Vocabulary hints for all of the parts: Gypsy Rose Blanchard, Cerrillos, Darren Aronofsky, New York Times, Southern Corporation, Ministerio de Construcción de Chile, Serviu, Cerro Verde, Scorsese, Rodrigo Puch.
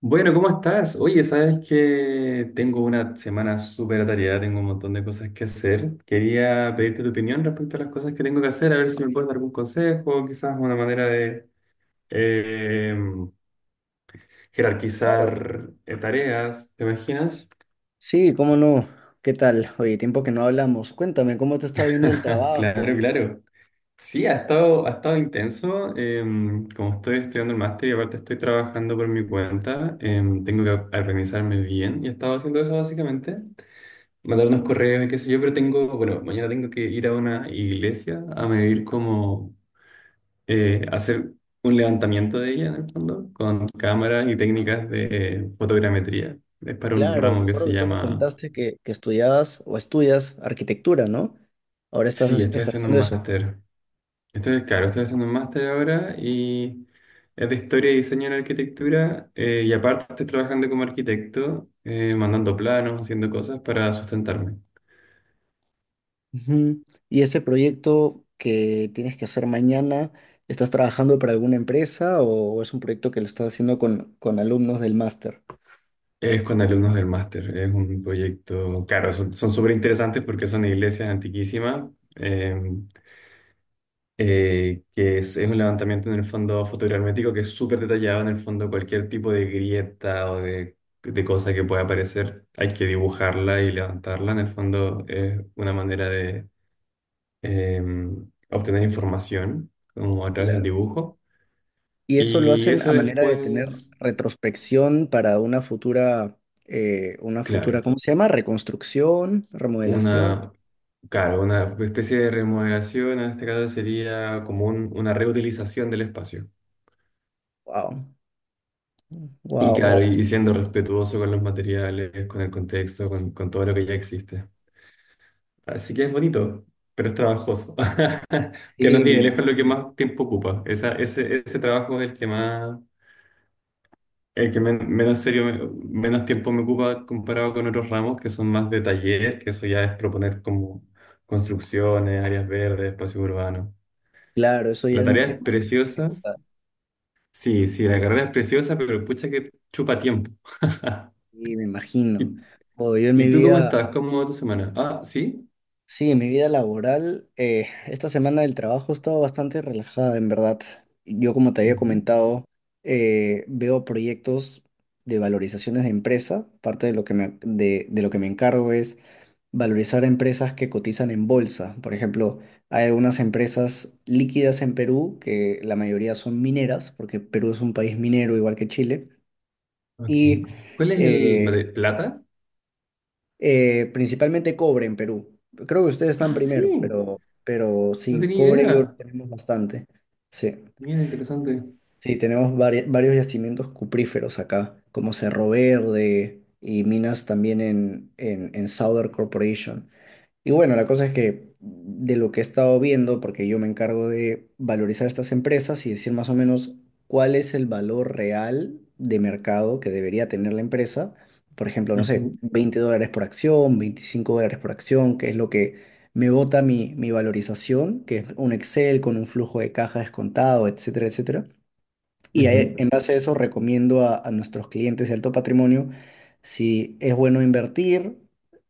Bueno, ¿cómo estás? Oye, sabes que tengo una semana súper atareada, tengo un montón de cosas que hacer. Quería pedirte tu opinión respecto a las cosas que tengo que hacer, a ver si me puedes dar algún consejo, quizás una manera de eh, Claro. jerarquizar tareas, ¿te imaginas? Sí, cómo no. ¿Qué tal? Oye, tiempo que no hablamos. Cuéntame, ¿cómo te está viendo el Claro, trabajo? claro. Sí, ha estado intenso. Como estoy estudiando el máster y aparte estoy trabajando por mi cuenta, tengo que organizarme bien y he estado haciendo eso básicamente. Mandar unos correos y qué sé yo, pero tengo, bueno, mañana tengo que ir a una iglesia a medir hacer un levantamiento de ella en el fondo, con cámaras y técnicas de fotogrametría. Es para un Claro, ramo me que acuerdo se que tú me llama... contaste que estudiabas o estudias arquitectura, ¿no? Ahora estás Sí, estoy haciendo un ejerciendo eso. máster. Estoy, claro, estoy haciendo un máster ahora y es de historia y diseño en arquitectura y aparte estoy trabajando como arquitecto, mandando planos, haciendo cosas para sustentarme. Ujú. ¿Y ese proyecto que tienes que hacer mañana, estás trabajando para alguna empresa o es un proyecto que lo estás haciendo con alumnos del máster? Es con alumnos del máster, es un proyecto, claro, son súper interesantes porque son iglesias antiquísimas, eh, que es un levantamiento en el fondo fotogramétrico que es súper detallado en el fondo, cualquier tipo de grieta de cosa que pueda aparecer, hay que dibujarla y levantarla, en el fondo es una manera de eh, obtener información como a través del Claro. dibujo. Y eso lo Y hacen eso a manera de tener después, retrospección para una futura, claro. ¿cómo se llama? Reconstrucción, remodelación. Una, claro, una especie de remodelación, en este caso sería como una reutilización del espacio. Wow, Y wow, claro, wow. y siendo respetuoso con los materiales, con el contexto, con todo lo que ya existe. Así que es bonito, pero es trabajoso. Que nos Sí, me tiene lejos lo que imagino. más tiempo ocupa. Ese trabajo es el que más, el que menos serio, menos tiempo me ocupa comparado con otros ramos que son más de taller, que eso ya es proponer como construcciones, áreas verdes, espacios urbanos. Claro, eso ya La tarea es es más preciosa. ejecutado. Sí, sí, la carrera es preciosa, pero pucha que chupa tiempo. Sí, me ¿Y, imagino. Oh, yo en ¿y mi tú cómo vida. estás? ¿Cómo va tu semana? Ah, sí. Sí, en mi vida laboral, esta semana del trabajo he estado bastante relajada, en verdad. Yo, como te había Ujú. comentado, veo proyectos de valorizaciones de empresa. Parte de lo que de lo que me encargo es valorizar a empresas que cotizan en bolsa. Por ejemplo, hay algunas empresas líquidas en Perú, que la mayoría son mineras, porque Perú es un país minero igual que Chile. Ok. Y ¿Cuál es el eh, plata? Principalmente cobre en Perú. Creo que ustedes están Ah, primero, sí. pero No sí, tenía cobre y oro idea. tenemos bastante. Sí, Mira, interesante. sí, tenemos varios yacimientos cupríferos acá, como Cerro Verde y minas también en Southern Corporation. Y bueno, la cosa es que de lo que he estado viendo, porque yo me encargo de valorizar estas empresas y decir más o menos cuál es el valor real de mercado que debería tener la empresa. Por ejemplo, no sé, Ujú, $20 por acción, $25 por acción, que es lo que me bota mi valorización, que es un Excel con un flujo de caja descontado, etcétera, etcétera. Y ahí, ujú. en base a eso recomiendo a nuestros clientes de alto patrimonio si es bueno invertir,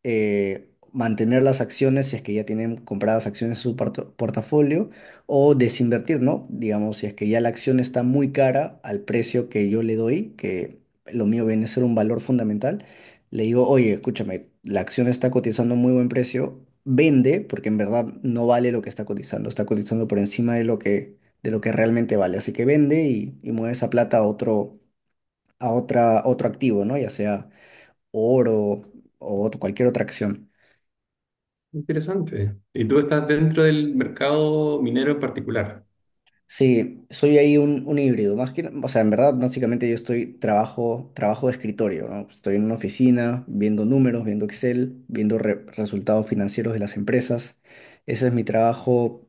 mantener las acciones si es que ya tienen compradas acciones en su portafolio o desinvertir, ¿no? Digamos, si es que ya la acción está muy cara al precio que yo le doy, que lo mío viene a ser un valor fundamental, le digo, oye, escúchame, la acción está cotizando a muy buen precio, vende porque en verdad no vale lo que está cotizando por encima de lo que realmente vale. Así que vende y mueve esa plata a otro, a otra, otro activo, ¿no? Ya sea oro o cualquier otra acción. Interesante. ¿Y tú estás dentro del mercado minero en particular? Sí, soy ahí un híbrido. Más que, o sea, en verdad, básicamente yo estoy trabajo de escritorio, ¿no? Estoy en una oficina viendo números, viendo Excel, viendo resultados financieros de las empresas. Ese es mi trabajo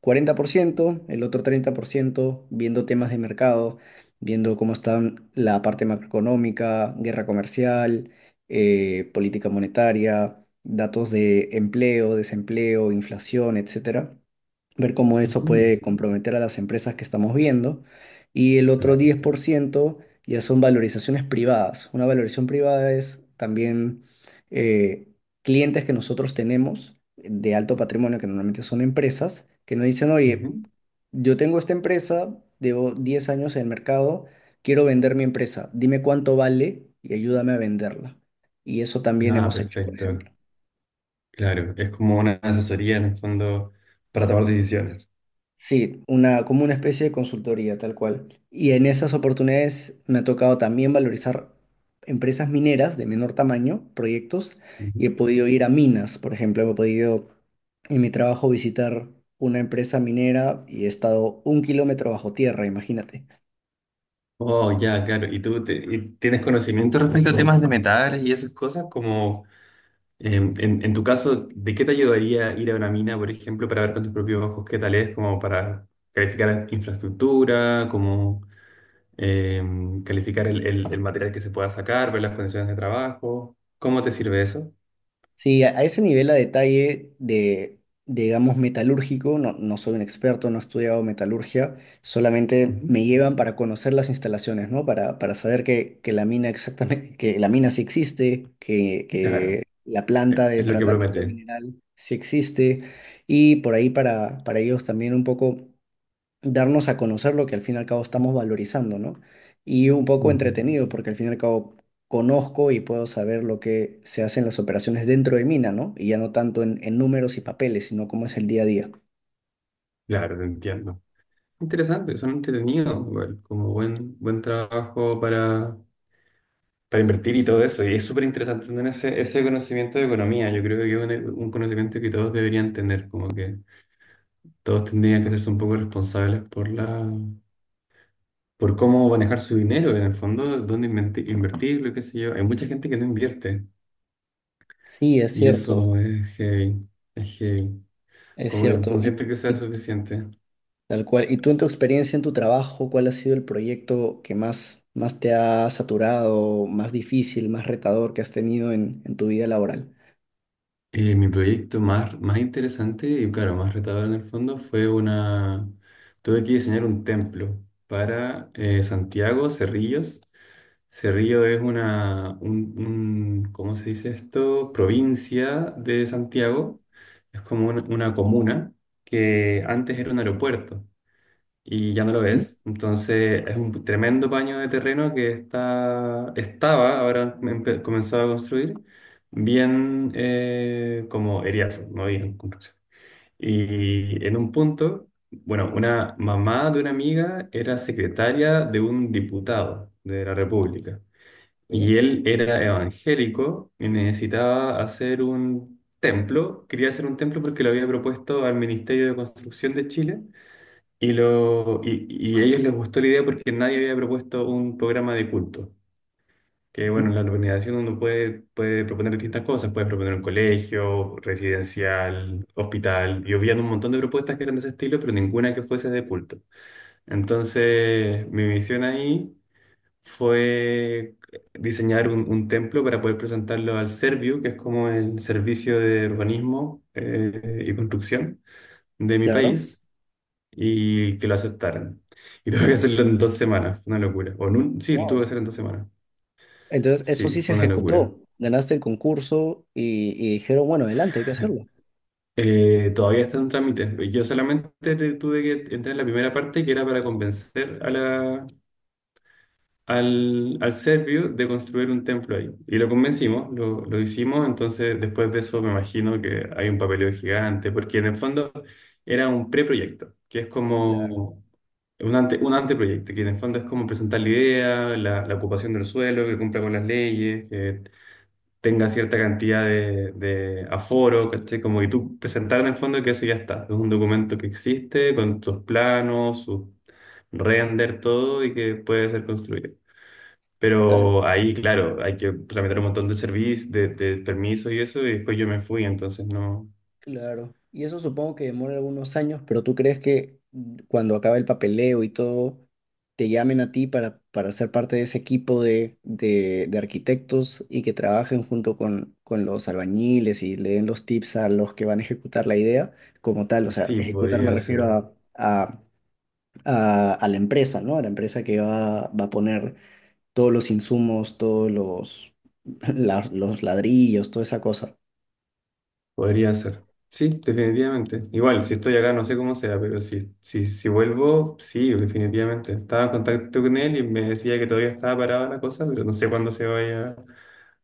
40%, el otro 30% viendo temas de mercado, viendo cómo está la parte macroeconómica, guerra comercial, política monetaria, datos de empleo, desempleo, inflación, etcétera, ver cómo eso Ujú. puede comprometer a las empresas que estamos viendo. Y el otro Claro. 10% ya son valorizaciones privadas. Una valorización privada es también eh, clientes que nosotros tenemos de alto patrimonio, que normalmente son empresas, que nos dicen, oye, Ujú. yo tengo esta empresa, llevo 10 años en el mercado, quiero vender mi empresa, dime cuánto vale y ayúdame a venderla. Y eso también Ah, hemos hecho, por perfecto. ejemplo. Claro. Es como una asesoría en el fondo para tomar decisiones. Sí, una, como una especie de consultoría, tal cual. Y en esas oportunidades me ha tocado también valorizar empresas mineras de menor tamaño, proyectos, y he podido ir a minas, por ejemplo, he podido en mi trabajo visitar una empresa minera y he estado 1 kilómetro bajo tierra, imagínate. Oh, ya, claro. ¿Y tú y tienes conocimiento respecto a temas de metales y esas cosas? Como en tu caso, ¿de qué te ayudaría ir a una mina, por ejemplo, para ver con tus propios ojos qué tal es, como para calificar infraestructura, como calificar el material que se pueda sacar, ver las condiciones de trabajo? ¿Cómo te sirve eso? Sí, a ese nivel a detalle de, digamos, metalúrgico, no soy un experto, no he estudiado metalurgia, solamente Ujú. me llevan para conocer las instalaciones, ¿no? Para saber que la mina exactamente, que la mina sí existe, que Claro, la planta de es lo que tratamiento promete. mineral sí existe, y por ahí para ellos también un poco darnos a conocer lo que al fin y al cabo estamos valorizando, ¿no? Y un poco Mm. entretenido, porque al fin y al cabo conozco y puedo saber lo que se hace en las operaciones dentro de mina, ¿no? Y ya no tanto en números y papeles, sino cómo es el día a día. Claro, te entiendo. Interesante, son entretenidos, igual, como buen trabajo para invertir y todo eso. Y es súper interesante tener ese conocimiento de economía. Yo creo que es un conocimiento que todos deberían tener, como que todos tendrían que hacerse un poco responsables por la, por cómo manejar su dinero, en el fondo, dónde invertirlo, qué sé yo. Hay mucha gente que no invierte Sí, es y cierto, eso es heavy, es heavy. es Como que no cierto. Y, siento que sea y suficiente. tal cual. ¿Y tú en tu experiencia, en tu trabajo, cuál ha sido el proyecto que más, más te ha saturado, más difícil, más retador que has tenido en tu vida laboral? Mi proyecto más, más interesante y claro, más retador en el fondo fue una... Tuve que diseñar un templo para Santiago, Cerrillos. Cerrillo es una, ¿cómo se dice esto? Provincia de Santiago. Es como una comuna que antes era un aeropuerto y ya no lo ¿Mm? es. Entonces es un tremendo paño de terreno que está, estaba, ahora comenzó a construir, bien como eriazo, no había construcción. Y en un punto... Bueno, una mamá de una amiga era secretaria de un diputado de la República. Y Sí. él era evangélico y necesitaba hacer un templo. Quería hacer un templo porque lo había propuesto al Ministerio de Construcción de Chile y, y a ellos les gustó la idea porque nadie había propuesto un programa de culto. Que bueno, en la Ujú. organización uno puede, puede proponer distintas cosas, puede proponer un colegio, residencial, hospital, y habían un montón de propuestas que eran de ese estilo, pero ninguna que fuese de culto. Entonces, mi misión ahí fue diseñar un templo para poder presentarlo al Serviu, que es como el servicio de urbanismo y construcción de mi Claro. país, y que lo aceptaran. Y tuve que hacerlo en 2 semanas, fue una locura. Sí, lo tuve que hacer en 2 semanas. Entonces, eso Sí, sí se fue una locura. ejecutó. Ganaste el concurso y dijeron, bueno, adelante, hay que hacerlo. Todavía está en trámite. Yo solamente tuve que entrar en la primera parte que era para convencer a la, al serbio de construir un templo ahí. Y lo convencimos, lo hicimos, entonces después de eso me imagino que hay un papeleo gigante, porque en el fondo era un preproyecto, que es Claro, como un anteproyecto, que en el fondo es como presentar la idea, la ocupación del suelo, que cumpla con las leyes, que tenga cierta cantidad de aforo, ¿cachai? Como que tú presentar en el fondo que eso ya está, es un documento que existe con tus planos, sus render, todo y que puede ser construido. bacán, Pero ahí, claro, hay que tramitar un montón de servicios, de permisos y eso, y después yo me fui, entonces no. claro. Y eso supongo que demora algunos años, pero ¿tú crees que cuando acabe el papeleo y todo, te llamen a ti para ser parte de ese equipo de arquitectos y que trabajen junto con los albañiles y le den los tips a los que van a ejecutar la idea como tal? O sea, Sí, ejecutar me podría refiero ser, a la empresa, ¿no? A la empresa que va, va a poner todos los insumos, todos los, los ladrillos, toda esa cosa. podría ser. Sí, definitivamente. Igual, si estoy acá, no sé cómo sea, pero si vuelvo, sí, definitivamente. Estaba en contacto con él y me decía que todavía estaba parada la cosa, pero no sé cuándo se vaya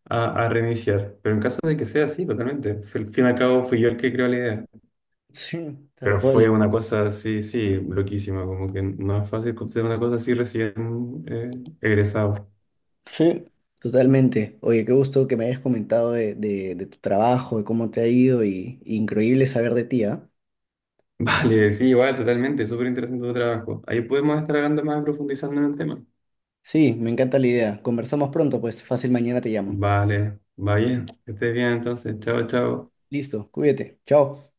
a reiniciar. Pero en caso de que sea así, totalmente. Al fin y al cabo, fui yo el que creó la idea. Sí, tal Pero fue cual. una cosa así, sí, loquísima, como que no es fácil hacer una cosa así recién eh, egresado. Sí. Totalmente. Oye, qué gusto que me hayas comentado de tu trabajo, de cómo te ha ido y increíble saber de ti, ¿ah? Vale, sí, igual, totalmente, súper interesante tu trabajo. Ahí podemos estar hablando más, profundizando en el tema. Sí, me encanta la idea. Conversamos pronto, pues fácil, mañana te llamo. Vale, va bien, que estés bien entonces, chao, chao. Listo, cuídate. Chao.